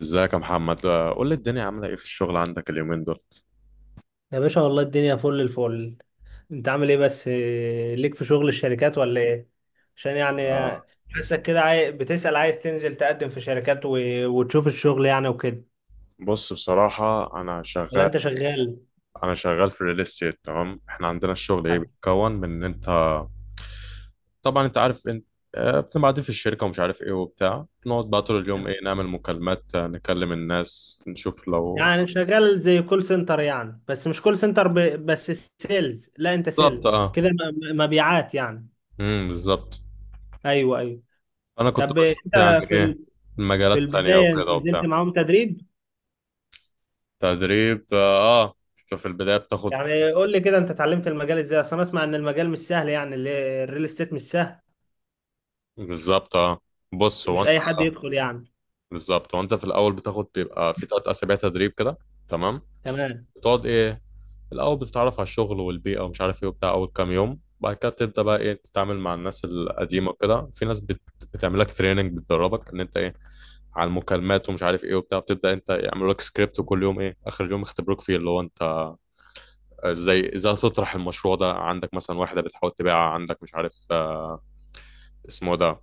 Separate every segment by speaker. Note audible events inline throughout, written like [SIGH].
Speaker 1: ازيك يا محمد؟ قول لي الدنيا عاملة ايه في الشغل عندك اليومين دول؟
Speaker 2: يا باشا والله الدنيا فل الفل. انت عامل ايه؟ بس إيه، ليك في شغل الشركات ولا ايه؟ عشان يعني
Speaker 1: آه،
Speaker 2: حاسك كده بتسأل عايز تنزل تقدم في وتشوف الشغل يعني وكده،
Speaker 1: بص، بصراحة انا
Speaker 2: ولا
Speaker 1: شغال
Speaker 2: انت شغال؟
Speaker 1: انا شغال في الريل استيت، تمام. احنا عندنا الشغل ايه، بيتكون من ان انت، طبعا انت عارف، انت بتبقى قاعدين في الشركة ومش عارف ايه وبتاع، نقعد بقى طول اليوم ايه، نعمل مكالمات، نكلم الناس، نشوف لو.
Speaker 2: يعني شغال زي كول سنتر، يعني بس مش كول بس سيلز، لا انت سيلز
Speaker 1: بالظبط، اه.
Speaker 2: كده، مبيعات يعني.
Speaker 1: امم. بالظبط.
Speaker 2: ايوه ايوه.
Speaker 1: انا كنت
Speaker 2: طب انت
Speaker 1: بشوف يعني
Speaker 2: في
Speaker 1: ايه
Speaker 2: ال... في
Speaker 1: المجالات التانية
Speaker 2: البداية
Speaker 1: وكده
Speaker 2: نزلت
Speaker 1: وبتاع.
Speaker 2: معاهم تدريب؟
Speaker 1: تدريب، اه. في البداية بتاخد.
Speaker 2: يعني قول لي كده انت اتعلمت المجال ازاي، اصل انا اسمع ان المجال مش سهل، يعني الريل استيت مش سهل،
Speaker 1: بالظبط، اه. بص، هو
Speaker 2: مش
Speaker 1: انت.
Speaker 2: اي حد يدخل يعني.
Speaker 1: بالظبط، وانت في الاول بتاخد بيبقى في ثلاث اسابيع تدريب كده، تمام.
Speaker 2: تمام.
Speaker 1: بتقعد ايه، الاول بتتعرف على الشغل والبيئه ومش عارف ايه وبتاع اول كام يوم، بعد كده تبدا بقى ايه تتعامل مع الناس القديمه وكده. في ناس بتعمل لك تريننج، بتدربك ان انت ايه على المكالمات ومش عارف ايه وبتاع، بتبدا انت يعملوا لك سكريبت، وكل يوم ايه، اخر يوم يختبروك فيه اللي هو انت ازاي تطرح المشروع ده عندك، مثلا واحده بتحاول تبيعها عندك مش عارف اسمه ده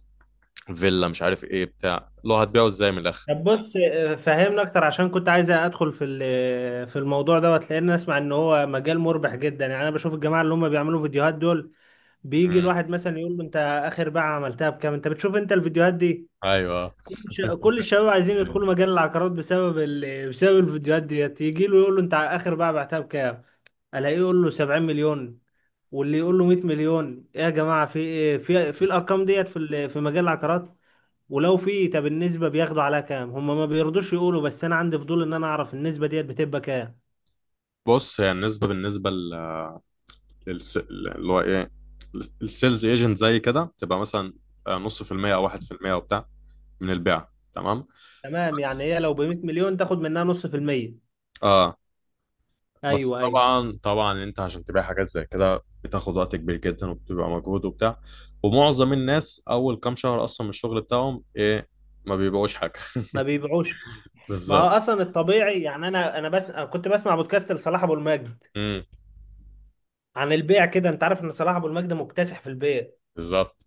Speaker 1: فيلا مش عارف ايه بتاع، اللي هو هتبيعه ازاي من الاخر.
Speaker 2: طب بص، فهمنا اكتر، عشان كنت عايز ادخل في الموضوع دوت، لان اسمع ان هو مجال مربح جدا. يعني انا بشوف الجماعه اللي هم بيعملوا فيديوهات دول، بيجي
Speaker 1: مم.
Speaker 2: الواحد مثلا يقول له انت اخر بيعه عملتها بكام. انت بتشوف انت الفيديوهات دي؟
Speaker 1: ايوه.
Speaker 2: كل الشباب عايزين يدخلوا مجال العقارات بسبب بسبب الفيديوهات ديت. يجي له يقول له انت اخر بيعه بعتها بكام، الاقيه يقول له 70 مليون، واللي يقول له 100 مليون. ايه يا جماعه في إيه؟ في
Speaker 1: [LAUGHS]
Speaker 2: الارقام ديت في مجال العقارات؟ ولو في، طب النسبة بياخدوا عليها كام؟ هم ما بيرضوش يقولوا، بس انا عندي فضول ان انا اعرف النسبة ديت بتبقى كام.
Speaker 1: بص، هي النسبة بالنسبة اللي هو ايه، السيلز ايجنت زي كده تبقى مثلا نص في المية او واحد في المية وبتاع، من البيع، تمام.
Speaker 2: تمام، يعني
Speaker 1: بس،
Speaker 2: هي لو ب 100 مليون تاخد منها نص في المية.
Speaker 1: اه. بس
Speaker 2: ايوه ايوه.
Speaker 1: طبعا طبعا انت عشان تبيع حاجات زي كده بتاخد وقت كبير جدا، وبتبقى مجهود وبتاع. ومعظم الناس اول كام شهر اصلا من الشغل بتاعهم ايه، ما بيبيعوش حاجة.
Speaker 2: ما بيبيعوش.
Speaker 1: [LAUGHS]
Speaker 2: ما هو
Speaker 1: بالظبط.
Speaker 2: اصلا الطبيعي، يعني انا انا بس أنا كنت بسمع بودكاست لصلاح ابو المجد
Speaker 1: امم.
Speaker 2: عن البيع كده. انت عارف ان صلاح ابو المجد مكتسح في البيع،
Speaker 1: بالظبط.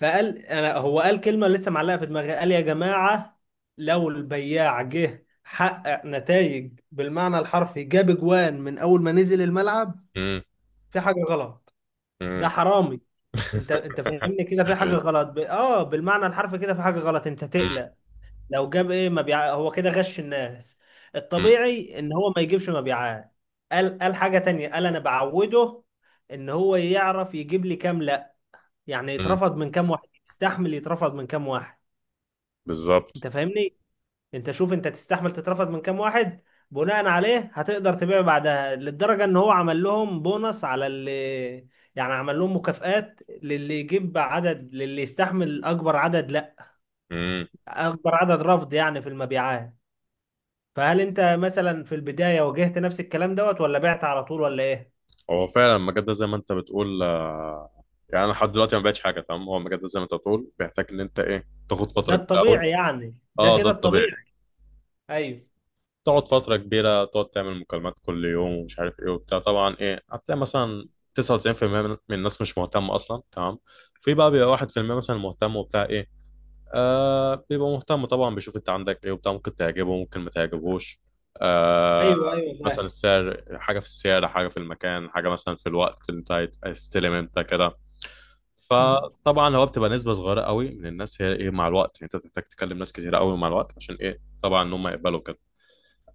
Speaker 2: فقال انا، هو قال كلمة لسه معلقة في دماغي، قال يا جماعة، لو البياع جه حقق نتائج بالمعنى الحرفي، جاب جوان من اول ما نزل الملعب،
Speaker 1: امم.
Speaker 2: في حاجة غلط، ده
Speaker 1: امم.
Speaker 2: حرامي. انت
Speaker 1: [LAUGHS]
Speaker 2: انت فاهمني كده، في حاجه غلط، ب... اه بالمعنى الحرفي كده في حاجه غلط، انت
Speaker 1: امم.
Speaker 2: تقلق. لو جاب ايه مبيع، هو كده غش الناس، الطبيعي ان هو ما يجيبش مبيعات. قال حاجه تانية، قال انا بعوده ان هو يعرف يجيب لي كام، لا، يعني
Speaker 1: امم.
Speaker 2: يترفض من كام واحد، يستحمل يترفض من كام واحد.
Speaker 1: بالظبط.
Speaker 2: انت فاهمني، انت شوف انت تستحمل تترفض من كام واحد، بناء عليه هتقدر تبيع بعدها. للدرجة ان هو عمل لهم بونص على اللي، يعني عمل لهم مكافآت للي يجيب عدد، للي يستحمل اكبر عدد، لا،
Speaker 1: إمم.
Speaker 2: اكبر عدد رفض يعني في المبيعات. فهل انت مثلا في البداية واجهت نفس الكلام دوت، ولا بعت على طول ولا ايه؟
Speaker 1: هو فعلا المجال ده زي ما انت بتقول، يعني انا لحد دلوقتي ما بقتش حاجه، تمام. هو المجال ده زي ما انت بتقول بيحتاج ان انت ايه تاخد
Speaker 2: ده
Speaker 1: فتره كبيره قوي.
Speaker 2: الطبيعي يعني، ده
Speaker 1: اه، ده
Speaker 2: كده
Speaker 1: الطبيعي.
Speaker 2: الطبيعي. ايوه.
Speaker 1: تقعد فتره كبيره تقعد تعمل مكالمات كل يوم ومش عارف ايه وبتاع، طبعا ايه هتلاقي مثلا 99% من الناس مش مهتمه اصلا، تمام. في بقى بيبقى 1% مثلا مهتم وبتاع ايه، بيبقى مهتم طبعا، بيشوف انت عندك ايه وبتاع، ممكن تعجبه ممكن ما تعجبهوش. آه
Speaker 2: ايوه ايوه
Speaker 1: مثلا
Speaker 2: فاهم.
Speaker 1: السعر حاجه، في السعر حاجه، في المكان حاجه، مثلا في الوقت اللي انت هتستلم انت كده.
Speaker 2: مم.
Speaker 1: فطبعا هو بتبقى نسبه صغيره قوي من الناس هي ايه مع الوقت، يعني انت بتحتاج تكلم ناس كتير قوي مع الوقت عشان ايه طبعا ان هم يقبلوا كده.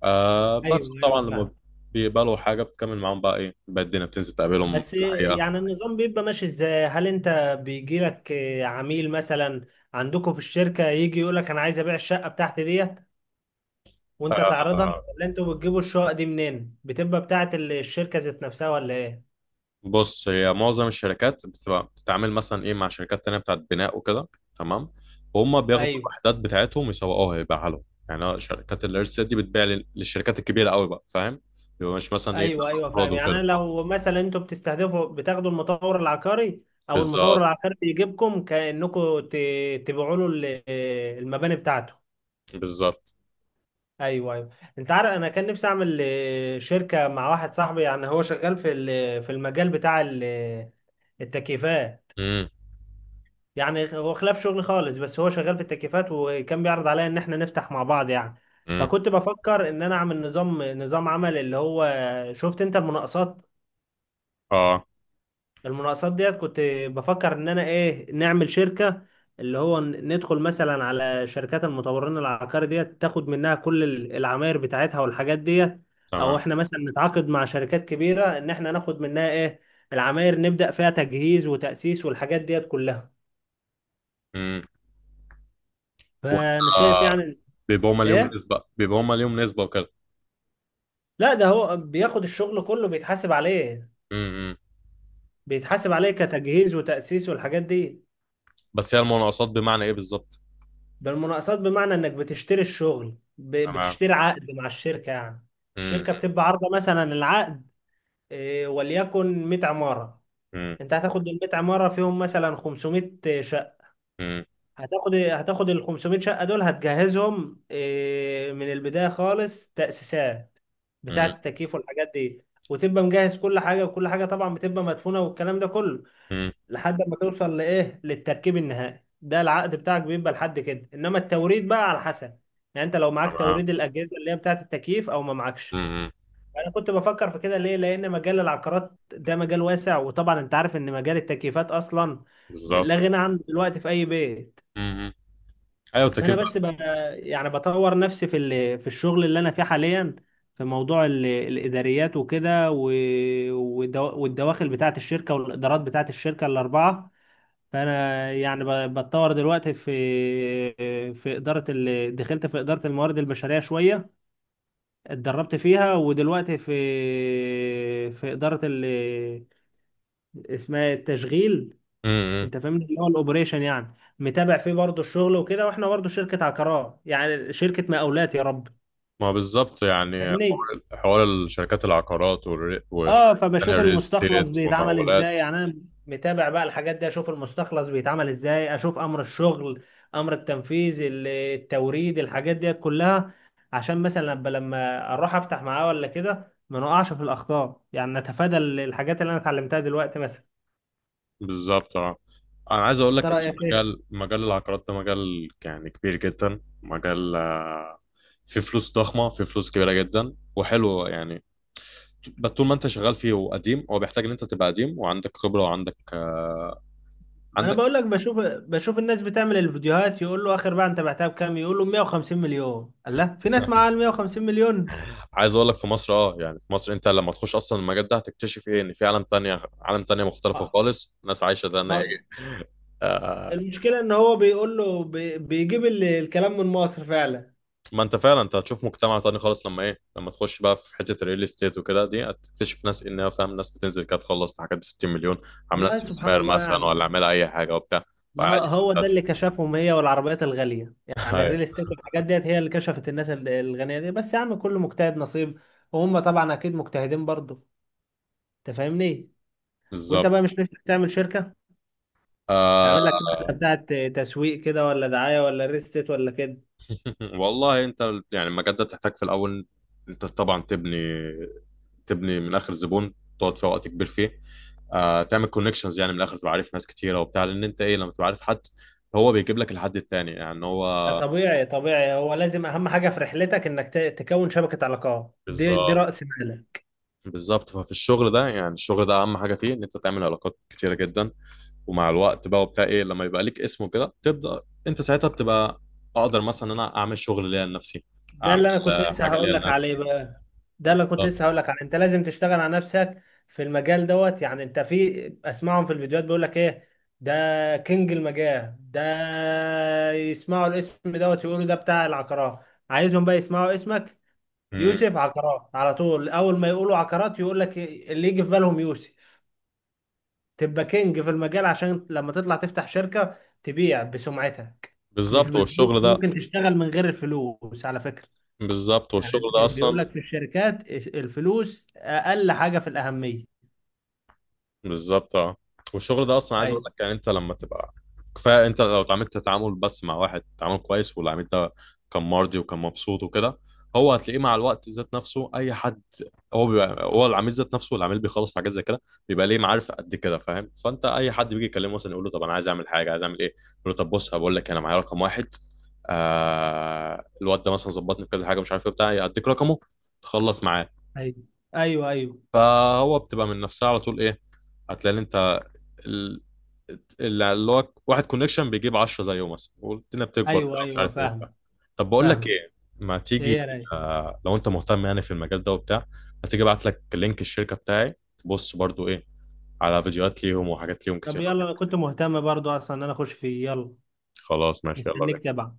Speaker 1: بس
Speaker 2: ايوه ايوه
Speaker 1: طبعا لما
Speaker 2: فاهم.
Speaker 1: بيقبلوا حاجه بتكمل معاهم بقى ايه، بقى الدنيا بتنزل تقابلهم
Speaker 2: بس
Speaker 1: في الحقيقه.
Speaker 2: يعني النظام بيبقى ماشي ازاي؟ هل انت بيجي لك عميل مثلا عندكم في الشركة، يجي يقول لك انا عايز ابيع الشقة بتاعتي ديت وانت تعرضها،
Speaker 1: آه،
Speaker 2: ولا انتوا بتجيبوا الشقق دي منين؟ بتبقى بتاعت الشركة ذات نفسها ولا ايه؟
Speaker 1: بص، هي معظم الشركات بتبقى بتتعامل مثلا ايه مع شركات تانية بتاعت بناء وكده، تمام. وهم بياخدوا
Speaker 2: ايوه.
Speaker 1: الوحدات بتاعتهم يسوقوها يبيعها لهم، يعني شركات الارسال دي بتبيع للشركات الكبيرة قوي بقى، فاهم. بيبقى مش مثلا ايه
Speaker 2: ايوه
Speaker 1: ناس
Speaker 2: ايوه
Speaker 1: افراد
Speaker 2: فاهم. يعني انا
Speaker 1: وكده.
Speaker 2: لو مثلا انتوا بتستهدفوا بتاخدوا المطور العقاري، او المطور
Speaker 1: بالظبط.
Speaker 2: العقاري يجيبكم كأنكم تبيعوا له المباني بتاعته.
Speaker 1: بالظبط.
Speaker 2: ايوه ايوه. انت عارف انا كان نفسي اعمل شركه مع واحد صاحبي، يعني هو شغال في المجال بتاع التكييفات،
Speaker 1: امم.
Speaker 2: يعني هو خلاف شغلي خالص، بس هو شغال في التكييفات، وكان بيعرض عليا ان احنا نفتح مع بعض يعني.
Speaker 1: امم.
Speaker 2: فكنت بفكر ان انا اعمل نظام، نظام عمل اللي هو، شفت انت المناقصات؟
Speaker 1: اه،
Speaker 2: المناقصات ديت كنت بفكر ان انا ايه نعمل شركة، اللي هو ندخل مثلا على شركات المطورين العقاري ديت، تاخد منها كل العماير بتاعتها والحاجات ديت، او
Speaker 1: تمام.
Speaker 2: احنا مثلا نتعاقد مع شركات كبيرة ان احنا ناخد منها ايه العماير، نبدأ فيها تجهيز وتأسيس والحاجات ديت كلها.
Speaker 1: امم. وانت
Speaker 2: فانا شايف
Speaker 1: آه،
Speaker 2: يعني
Speaker 1: بيبقوا هم ليهم
Speaker 2: ايه.
Speaker 1: نسبة، بيبقوا هم ليهم نسبة وكده.
Speaker 2: لا، ده هو بياخد الشغل كله بيتحاسب عليه،
Speaker 1: امم. إمم.
Speaker 2: بيتحاسب عليه كتجهيز وتأسيس والحاجات دي.
Speaker 1: بس هي المناقصات بمعنى ايه بالظبط؟
Speaker 2: بالمناقصات بمعنى انك بتشتري
Speaker 1: تمام.
Speaker 2: بتشتري عقد مع الشركة يعني. الشركة
Speaker 1: امم.
Speaker 2: بتبقى عارضة مثلا العقد وليكن 100 عمارة،
Speaker 1: امم.
Speaker 2: انت هتاخد ال 100 عمارة فيهم مثلا 500 شقة.
Speaker 1: امم.
Speaker 2: هتاخد ال 500 شقة دول، هتجهزهم من البداية خالص، تأسيسات بتاعة
Speaker 1: امم.
Speaker 2: التكييف والحاجات دي، وتبقى مجهز كل حاجة، وكل حاجة طبعا بتبقى مدفونة والكلام ده كله،
Speaker 1: إمم.
Speaker 2: لحد ما توصل لايه للتركيب النهائي. ده العقد بتاعك بيبقى لحد كده، انما التوريد بقى على حسب، يعني انت لو معاك
Speaker 1: تمام.
Speaker 2: توريد الاجهزه اللي هي بتاعه التكييف او ما
Speaker 1: امم.
Speaker 2: معكش.
Speaker 1: إمم.
Speaker 2: انا كنت بفكر في كده ليه، لان مجال العقارات ده مجال واسع، وطبعا انت عارف ان مجال التكييفات اصلا لا
Speaker 1: بالظبط.
Speaker 2: غنى عنه دلوقتي في اي بيت.
Speaker 1: مم. ايوه،
Speaker 2: فانا
Speaker 1: التكييف
Speaker 2: بس
Speaker 1: بقى.
Speaker 2: ب... يعني بطور نفسي في الشغل اللي انا فيه حاليا، في موضوع الاداريات والدواخل بتاعه الشركه، والادارات بتاعه الشركه الاربعه. فانا يعني بتطور دلوقتي في، دخلت في اداره الموارد البشريه شويه، اتدربت فيها، ودلوقتي في، في اداره ال... اسمها التشغيل.
Speaker 1: امم.
Speaker 2: انت فاهمني، اللي هو الاوبريشن، يعني متابع فيه برضه الشغل وكده، واحنا برضه شركه عقارات يعني شركه مقاولات، يا رب.
Speaker 1: ما بالظبط، يعني
Speaker 2: فاهمني؟
Speaker 1: حوار حوار الشركات العقارات والتانية.
Speaker 2: اه، فبشوف
Speaker 1: الريل
Speaker 2: المستخلص
Speaker 1: ستيت
Speaker 2: بيتعمل ازاي،
Speaker 1: والمقاولات.
Speaker 2: يعني انا متابع بقى الحاجات دي، اشوف المستخلص بيتعمل ازاي، اشوف امر الشغل، امر التنفيذ، التوريد، الحاجات دي كلها، عشان مثلا لما اروح افتح معاه ولا كده ما نقعش في الاخطاء، يعني نتفادى الحاجات اللي انا اتعلمتها دلوقتي مثلا.
Speaker 1: بالظبط، اه. انا عايز اقول
Speaker 2: انت
Speaker 1: لك ان
Speaker 2: رايك ايه؟
Speaker 1: مجال العقارات ده مجال يعني كبير جدا، مجال فيه فلوس ضخمه، فيه فلوس كبيره جدا وحلو يعني. بس طول ما انت شغال فيه وقديم، هو بيحتاج ان انت تبقى قديم وعندك خبره وعندك آه،
Speaker 2: انا
Speaker 1: عندك
Speaker 2: بقول لك، بشوف الناس بتعمل الفيديوهات يقول له اخر بقى انت بعتها بكام، يقول له 150 مليون. الله، في ناس
Speaker 1: [LAUGHS]
Speaker 2: معاها ال 150 مليون؟
Speaker 1: عايز اقول لك، في مصر، اه، يعني في مصر انت لما تخش اصلا المجال ده هتكتشف ايه ان في عالم تانية، عالم تانية مختلفه خالص، ناس عايشه ده.
Speaker 2: ما
Speaker 1: آه،
Speaker 2: المشكلة ان هو بيقول له بيجيب الكلام من مصر فعلا.
Speaker 1: ما انت فعلا انت هتشوف مجتمع تاني خالص لما تخش بقى في حته الريل استيت وكده دي، هتكتشف ناس انها فاهم، ناس بتنزل كده تخلص في حاجات ب 60 مليون، عامله
Speaker 2: والله سبحان
Speaker 1: استثمار
Speaker 2: الله يا
Speaker 1: مثلا ولا
Speaker 2: عم.
Speaker 1: عامله اي حاجه وبتاع.
Speaker 2: ما هو
Speaker 1: وعادي
Speaker 2: هو ده
Speaker 1: بتاعتك.
Speaker 2: اللي كشفهم، هي والعربيات الغالية،
Speaker 1: [LAUGHS]
Speaker 2: يعني الريل
Speaker 1: ايوه،
Speaker 2: استيت والحاجات ديت هي اللي كشفت الناس الغنية دي. بس يا عم كل مجتهد نصيب، وهم طبعا اكيد مجتهدين برضه. انت فاهمني؟ وانت
Speaker 1: بالظبط.
Speaker 2: بقى مش نفسك تعمل شركة، تعمل لك واحدة
Speaker 1: آه.
Speaker 2: بتاعت تسويق كده، ولا دعاية، ولا ريل استيت، ولا كده؟
Speaker 1: [LAUGHS] والله انت، يعني المجال ده بتحتاج في الاول، انت طبعا تبني من اخر زبون، تقعد فيه وقت كبير فيه. تعمل كونكشنز يعني من الاخر تبقى عارف ناس كتيره وبتاع، لان انت ايه لما تبقى عارف حد، هو بيجيب لك الحد التاني، يعني هو.
Speaker 2: ده طبيعي طبيعي، هو لازم اهم حاجة في رحلتك، انك تكون شبكة علاقات، دي
Speaker 1: بالظبط.
Speaker 2: رأس مالك.
Speaker 1: بالظبط ففي الشغل ده، يعني الشغل ده اهم حاجه فيه ان انت تعمل علاقات كتيره جدا. ومع الوقت بقى وبتاع ايه، لما يبقى ليك اسمه كده، تبدا انت ساعتها بتبقى اقدر مثلا ان انا اعمل شغل ليا لنفسي،
Speaker 2: ده
Speaker 1: اعمل
Speaker 2: اللي انا كنت لسه
Speaker 1: حاجه
Speaker 2: هقول
Speaker 1: ليا
Speaker 2: لك
Speaker 1: لنفسي.
Speaker 2: عليه بقى، ده اللي كنت لسه
Speaker 1: بالظبط.
Speaker 2: هقول لك عليه، انت لازم تشتغل على نفسك في المجال دوت. يعني انت في اسمعهم في الفيديوهات بيقول لك ايه، ده كينج المجال ده، يسمعوا الاسم دوت يقولوا ده بتاع العقارات. عايزهم بقى يسمعوا اسمك،
Speaker 1: مم.
Speaker 2: يوسف عقارات، على طول اول ما يقولوا عقارات يقول لك اللي يجي في بالهم يوسف. تبقى كينج في المجال، عشان لما تطلع تفتح شركة تبيع بسمعتك، مش
Speaker 1: بالظبط
Speaker 2: بالفلوس.
Speaker 1: والشغل ده.
Speaker 2: ممكن تشتغل من غير الفلوس على فكرة،
Speaker 1: بالظبط
Speaker 2: يعني
Speaker 1: والشغل ده
Speaker 2: بيقول
Speaker 1: اصلا.
Speaker 2: لك في الشركات الفلوس اقل حاجه في الاهميه.
Speaker 1: بالظبط، اه. والشغل ده اصلا عايز اقول
Speaker 2: ايوه
Speaker 1: لك، يعني انت لما تبقى كفايه، انت لو اتعاملت تعامل بس مع واحد، تعامل كويس والعميل ده كان مرضي وكان مبسوط وكده، هو هتلاقيه مع الوقت ذات نفسه، اي حد هو بيبقى هو العميل ذات نفسه، والعميل بيخلص في حاجات زي كده بيبقى ليه معارف قد كده، فاهم. فانت اي حد بيجي يكلمه مثلا يقول له طب انا عايز اعمل حاجه، عايز اعمل ايه، يقول له طب بص هقول لك، انا معايا رقم واحد، الواد ده مثلا ظبطني في كذا حاجه مش عارف ايه بتاع، يديك رقمه تخلص معاه.
Speaker 2: ايوه. ايوه ايوه.
Speaker 1: فهو بتبقى من نفسها على طول، ايه هتلاقي إن انت ال- اللي هو واحد كونكشن بيجيب 10 زيه مثلا، والدنيا بتكبر بقى
Speaker 2: ايوه
Speaker 1: مش
Speaker 2: ايوه
Speaker 1: عارف ايه وبتاع.
Speaker 2: فاهم.
Speaker 1: طب بقول لك
Speaker 2: فاهم.
Speaker 1: ايه، ما
Speaker 2: ايه
Speaker 1: تيجي
Speaker 2: يا راي؟
Speaker 1: لو انت مهتم يعني في المجال ده وبتاع، ما تيجي ابعت لك لينك الشركة بتاعي، تبص برضو ايه على فيديوهات ليهم وحاجات ليهم
Speaker 2: طب
Speaker 1: كتير أوي.
Speaker 2: يلا، انا كنت مهتم برضو اصلا ان انا اخش فيه، يلا.
Speaker 1: خلاص، ماشي، يلا.
Speaker 2: مستنيك تبع.